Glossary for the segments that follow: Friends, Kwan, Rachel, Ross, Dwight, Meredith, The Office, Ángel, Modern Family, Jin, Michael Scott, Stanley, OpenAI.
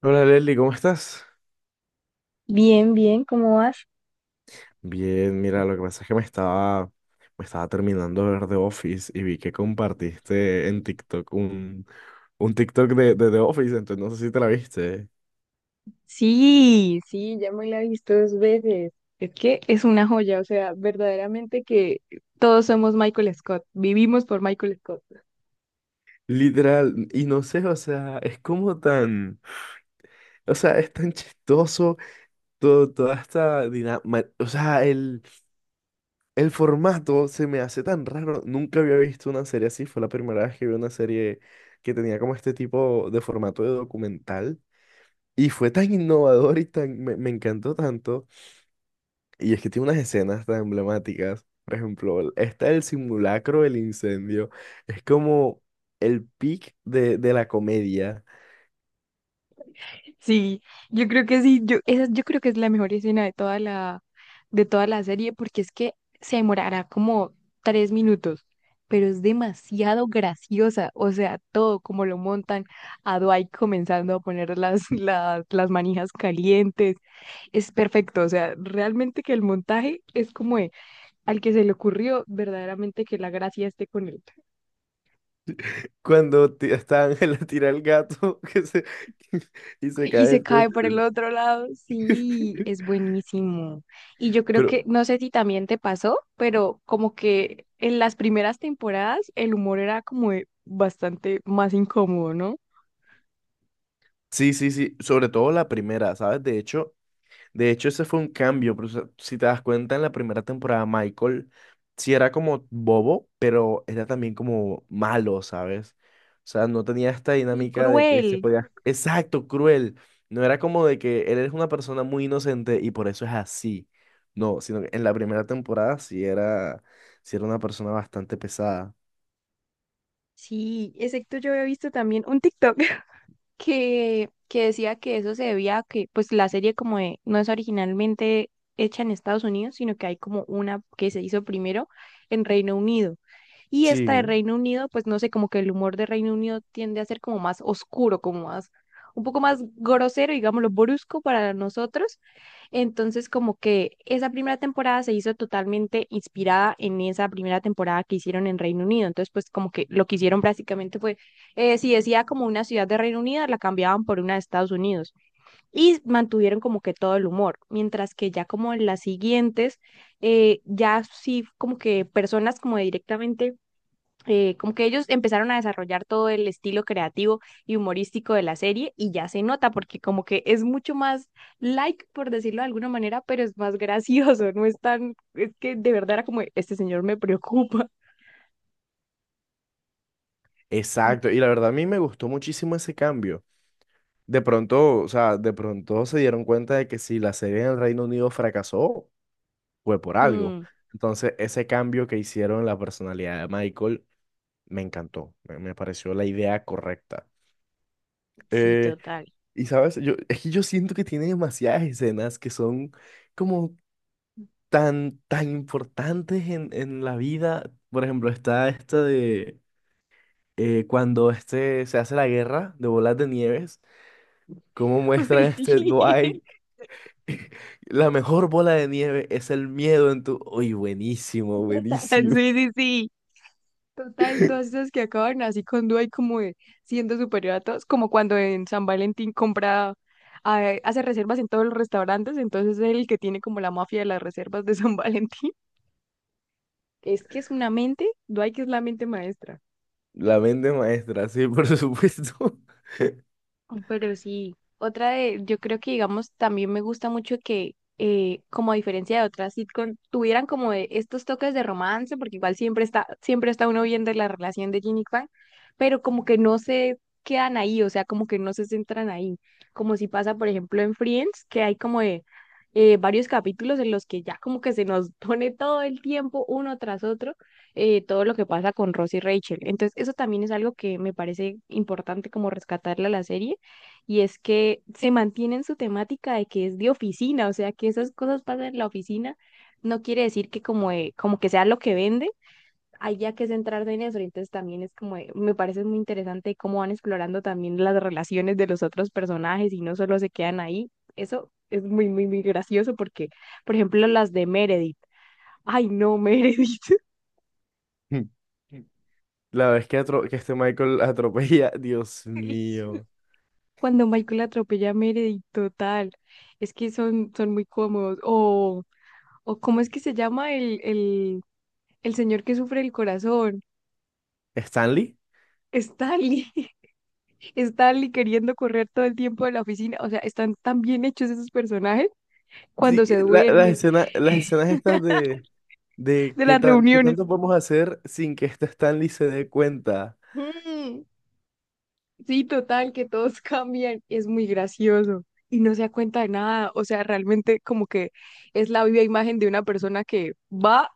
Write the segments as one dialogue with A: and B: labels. A: Hola Leslie, ¿cómo estás?
B: Bien, bien, ¿cómo vas?
A: Bien, mira, lo que pasa es que me estaba terminando de ver The Office y vi que compartiste en TikTok un TikTok de The Office, entonces no sé si te la viste.
B: Sí, sí, ya me la he visto dos veces. Es que es una joya, o sea, verdaderamente que todos somos Michael Scott, vivimos por Michael Scott.
A: Literal, y no sé, o sea, es como tan, o sea, es tan chistoso todo, toda esta dinámica, o sea, el formato se me hace tan raro, nunca había visto una serie así, fue la primera vez que vi una serie que tenía como este tipo de formato de documental. Y fue tan innovador y tan, me encantó tanto. Y es que tiene unas escenas tan emblemáticas. Por ejemplo, esta del simulacro del incendio. Es como el pic de la comedia.
B: Sí, yo creo que sí, yo creo que es la mejor escena de toda la serie, porque es que se demorará como 3 minutos, pero es demasiado graciosa, o sea, todo como lo montan a Dwight comenzando a poner las, las manijas calientes, es perfecto, o sea, realmente que el montaje es como de, al que se le ocurrió verdaderamente que la gracia esté con él.
A: Cuando está Ángel a tirar el gato que se, y se
B: Y
A: cae
B: se
A: el
B: cae por el
A: techo.
B: otro lado. Sí, es buenísimo. Y yo creo
A: Pero
B: que, no sé si también te pasó, pero como que en las primeras temporadas el humor era como de bastante más incómodo, ¿no?
A: sí. Sobre todo la primera, ¿sabes? De hecho, ese fue un cambio, pero o sea, si te das cuenta, en la primera temporada Michael sí era como bobo, pero era también como malo, ¿sabes? O sea, no tenía esta
B: Y
A: dinámica de que se
B: cruel.
A: podía... Exacto, cruel. No era como de que él es una persona muy inocente y por eso es así. No, sino que en la primera temporada sí era una persona bastante pesada.
B: Sí, excepto yo había visto también un TikTok que decía que eso se debía a que pues la serie como de- no es originalmente hecha en Estados Unidos, sino que hay como una que se hizo primero en Reino Unido. Y esta de
A: Sí,
B: Reino Unido, pues no sé, como que el humor de Reino Unido tiende a ser como más oscuro, como más, un poco más grosero, digámoslo, brusco para nosotros. Entonces, como que esa primera temporada se hizo totalmente inspirada en esa primera temporada que hicieron en Reino Unido. Entonces, pues como que lo que hicieron básicamente fue si decía como una ciudad de Reino Unido, la cambiaban por una de Estados Unidos y mantuvieron como que todo el humor, mientras que ya como en las siguientes, ya sí como que personas como directamente, como que ellos empezaron a desarrollar todo el estilo creativo y humorístico de la serie y ya se nota porque como que es mucho más like, por decirlo de alguna manera, pero es más gracioso, no es tan, es que de verdad era como, este señor me preocupa.
A: exacto. Y la verdad a mí me gustó muchísimo ese cambio. De pronto, o sea, de pronto se dieron cuenta de que si la serie en el Reino Unido fracasó, fue por algo.
B: Mm,
A: Entonces, ese cambio que hicieron en la personalidad de Michael me encantó. Me pareció la idea correcta.
B: sí,
A: Eh,
B: total.
A: y sabes, yo, es que yo siento que tiene demasiadas escenas que son como tan, tan importantes en la vida. Por ejemplo, está esta de cuando este se hace la guerra de bolas de nieves, cómo muestran
B: Ay,
A: este
B: sí.
A: Dwight. La mejor bola de nieve es el miedo en tu... Uy, buenísimo, buenísimo.
B: Sí, sí, sí. Total, todas esas que acaban así con duda y como de siendo superior a todos, como cuando en San Valentín compra, ah, hace reservas en todos los restaurantes, entonces es el que tiene como la mafia de las reservas de San Valentín. Es que es una mente, Dwight que es la mente maestra.
A: La mente maestra, sí, por supuesto.
B: Pero sí, otra de, yo creo que digamos, también me gusta mucho que, como a diferencia de otras sitcom, tuvieran como de estos toques de romance, porque igual siempre está uno viendo la relación de Jin y Kwan, pero como que no se quedan ahí, o sea, como que no se centran ahí, como si pasa, por ejemplo, en Friends, que hay como de varios capítulos en los que ya como que se nos pone todo el tiempo, uno tras otro, todo lo que pasa con Ross y Rachel. Entonces, eso también es algo que me parece importante como rescatarle a la serie y es que se mantiene en su temática de que es de oficina, o sea, que esas cosas pasan en la oficina, no quiere decir que como, de- como que sea lo que vende, haya que centrarse en eso. Entonces también es como, de- me parece muy interesante cómo van explorando también las relaciones de los otros personajes y no solo se quedan ahí. Eso es muy, muy, muy gracioso porque, por ejemplo, las de Meredith. Ay, no, Meredith.
A: La vez que, que este Michael atropella, Dios mío.
B: Cuando Michael atropella a Meredith, total. Es que son muy cómodos. O cómo es que se llama el, el señor que sufre el corazón.
A: ¿Stanley?
B: Stanley, Stanley queriendo correr todo el tiempo de la oficina, o sea, están tan bien hechos esos personajes
A: Sí,
B: cuando se
A: que las Ujú
B: duerme,
A: escenas, las escenas estas de
B: de
A: qué
B: las
A: tan, qué
B: reuniones.
A: tanto podemos hacer sin que este Stanley se dé cuenta.
B: Mm, sí, total, que todos cambian, es muy gracioso y no se da cuenta de nada, o sea, realmente como que es la viva imagen de una persona que va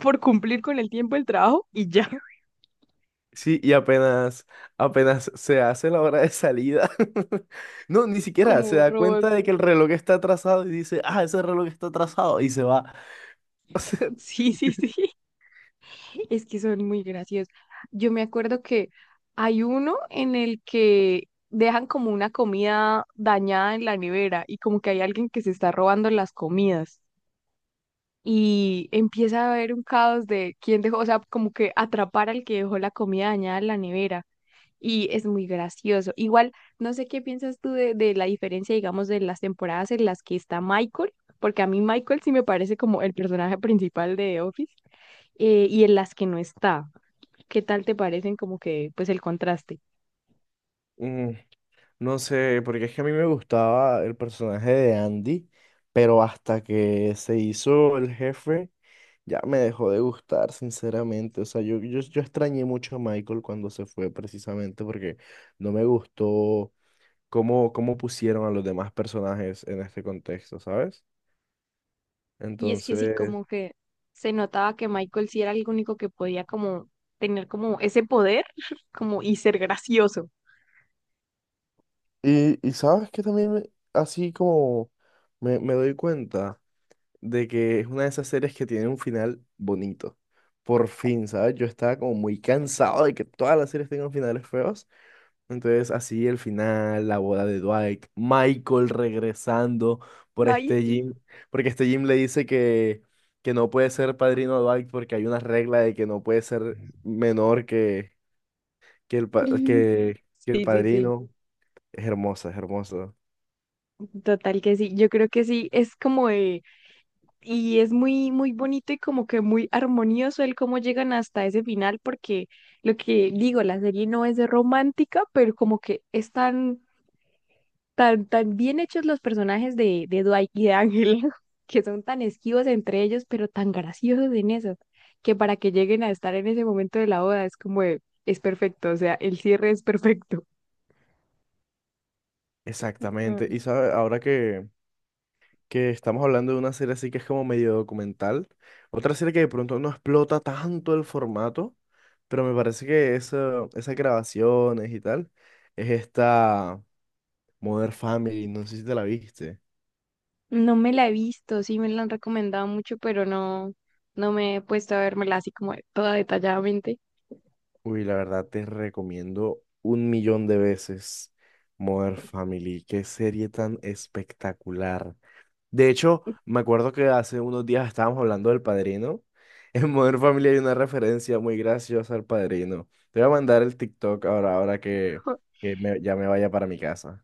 B: por cumplir con el tiempo del trabajo y ya,
A: Sí, y apenas se hace la hora de salida. No, ni siquiera
B: como
A: se
B: un
A: da
B: robot.
A: cuenta de que el reloj está atrasado y dice, ah, ese reloj está atrasado y se va.
B: Sí, sí, sí. Es que son muy graciosos. Yo me acuerdo que hay uno en el que dejan como una comida dañada en la nevera y como que hay alguien que se está robando las comidas y empieza a haber un caos de quién dejó, o sea, como que atrapar al que dejó la comida dañada en la nevera y es muy gracioso. Igual, no sé qué piensas tú de la diferencia, digamos, de las temporadas en las que está Michael, porque a mí Michael sí me parece como el personaje principal de The Office, y en las que no está. ¿Qué tal te parecen como que, pues el contraste?
A: Mm, no sé, porque es que a mí me gustaba el personaje de Andy, pero hasta que se hizo el jefe, ya me dejó de gustar, sinceramente. O sea, yo extrañé mucho a Michael cuando se fue, precisamente porque no me gustó cómo, cómo pusieron a los demás personajes en este contexto, ¿sabes?
B: Y es que sí,
A: Entonces,
B: como que se notaba que Michael sí era el único que podía como tener como ese poder, como y ser gracioso.
A: y sabes que también así como me doy cuenta de que es una de esas series que tiene un final bonito. Por fin, ¿sabes? Yo estaba como muy cansado de que todas las series tengan finales feos. Entonces, así el final, la boda de Dwight, Michael regresando por
B: Ay,
A: este
B: sí.
A: Jim, porque este Jim le dice que no puede ser padrino de Dwight porque hay una regla de que no puede ser menor que el, pa- que, que el
B: Sí, sí, sí.
A: padrino. Es hermosa.
B: Total que sí. Yo creo que sí, es como de y es muy, muy bonito y como que muy armonioso el cómo llegan hasta ese final, porque lo que digo, la serie no es romántica, pero como que están tan, tan bien hechos los personajes de Dwight y de Ángel, que son tan esquivos entre ellos, pero tan graciosos en eso, que para que lleguen a estar en ese momento de la boda es como de, es perfecto, o sea, el cierre es perfecto.
A: Exactamente.
B: Mm.
A: Y sabe, ahora que estamos hablando de una serie así que es como medio documental, otra serie que de pronto no explota tanto el formato, pero me parece que eso, esas grabaciones y tal, es esta Modern Family. No sé si te la viste.
B: No me la he visto, sí me la han recomendado mucho, pero no, no me he puesto a vérmela así como de- toda detalladamente.
A: Uy, la verdad te recomiendo un millón de veces Modern Family. Qué serie tan espectacular. De hecho, me acuerdo que hace unos días estábamos hablando del Padrino. En Modern Family hay una referencia muy graciosa al Padrino. Te voy a mandar el TikTok ahora, ahora que ya me vaya para mi casa.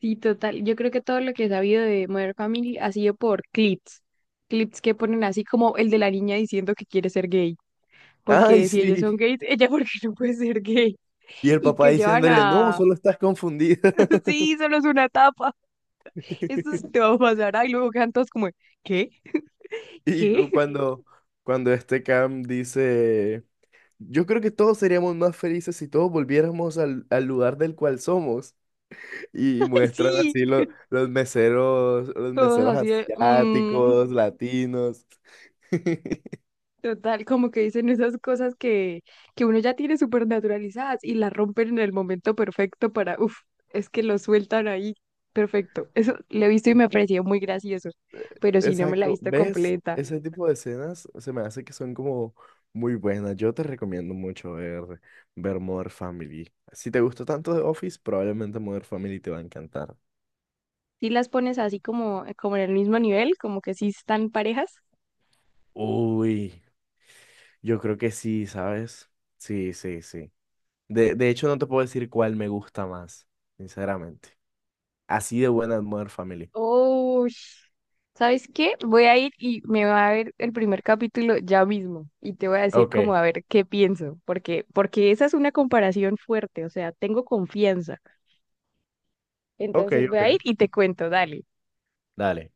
B: Sí, total. Yo creo que todo lo que he sabido de Modern Family ha sido por clips. Clips que ponen así como el de la niña diciendo que quiere ser gay.
A: ¡Ay,
B: Porque si ellos son
A: sí!
B: gays, ella porque no puede ser gay.
A: Y el
B: Y
A: papá
B: que llevan
A: diciéndole, no,
B: a.
A: solo estás confundida.
B: Sí, solo es una etapa. Esto sí te va a pasar. Y luego quedan todos como, ¿qué?
A: Y
B: ¿Qué?
A: cuando, cuando este Cam dice, yo creo que todos seríamos más felices si todos volviéramos al lugar del cual somos. Y
B: Ay,
A: muestran
B: sí.
A: así los
B: Todos
A: meseros
B: así de mm.
A: asiáticos, latinos.
B: Total, como que dicen esas cosas que uno ya tiene súper naturalizadas y las rompen en el momento perfecto para, uff, es que lo sueltan ahí. Perfecto. Eso lo he visto y me pareció muy gracioso, pero si no me la he
A: Exacto,
B: visto
A: ¿ves?
B: completa.
A: Ese tipo de escenas se me hace que son como muy buenas. Yo te recomiendo mucho ver Modern Family. Si te gustó tanto The Office, probablemente Modern Family te va a encantar.
B: Si las pones así como, como en el mismo nivel, como que sí están parejas.
A: Uy, yo creo que sí, ¿sabes? Sí. De hecho, no te puedo decir cuál me gusta más, sinceramente. Así de buena es Modern Family.
B: Oh, ¿sabes qué? Voy a ir y me va a ver el primer capítulo ya mismo y te voy a decir como
A: Ok,
B: a ver qué pienso, porque esa es una comparación fuerte, o sea, tengo confianza.
A: ok,
B: Entonces voy
A: ok.
B: a ir y te cuento, dale.
A: Dale.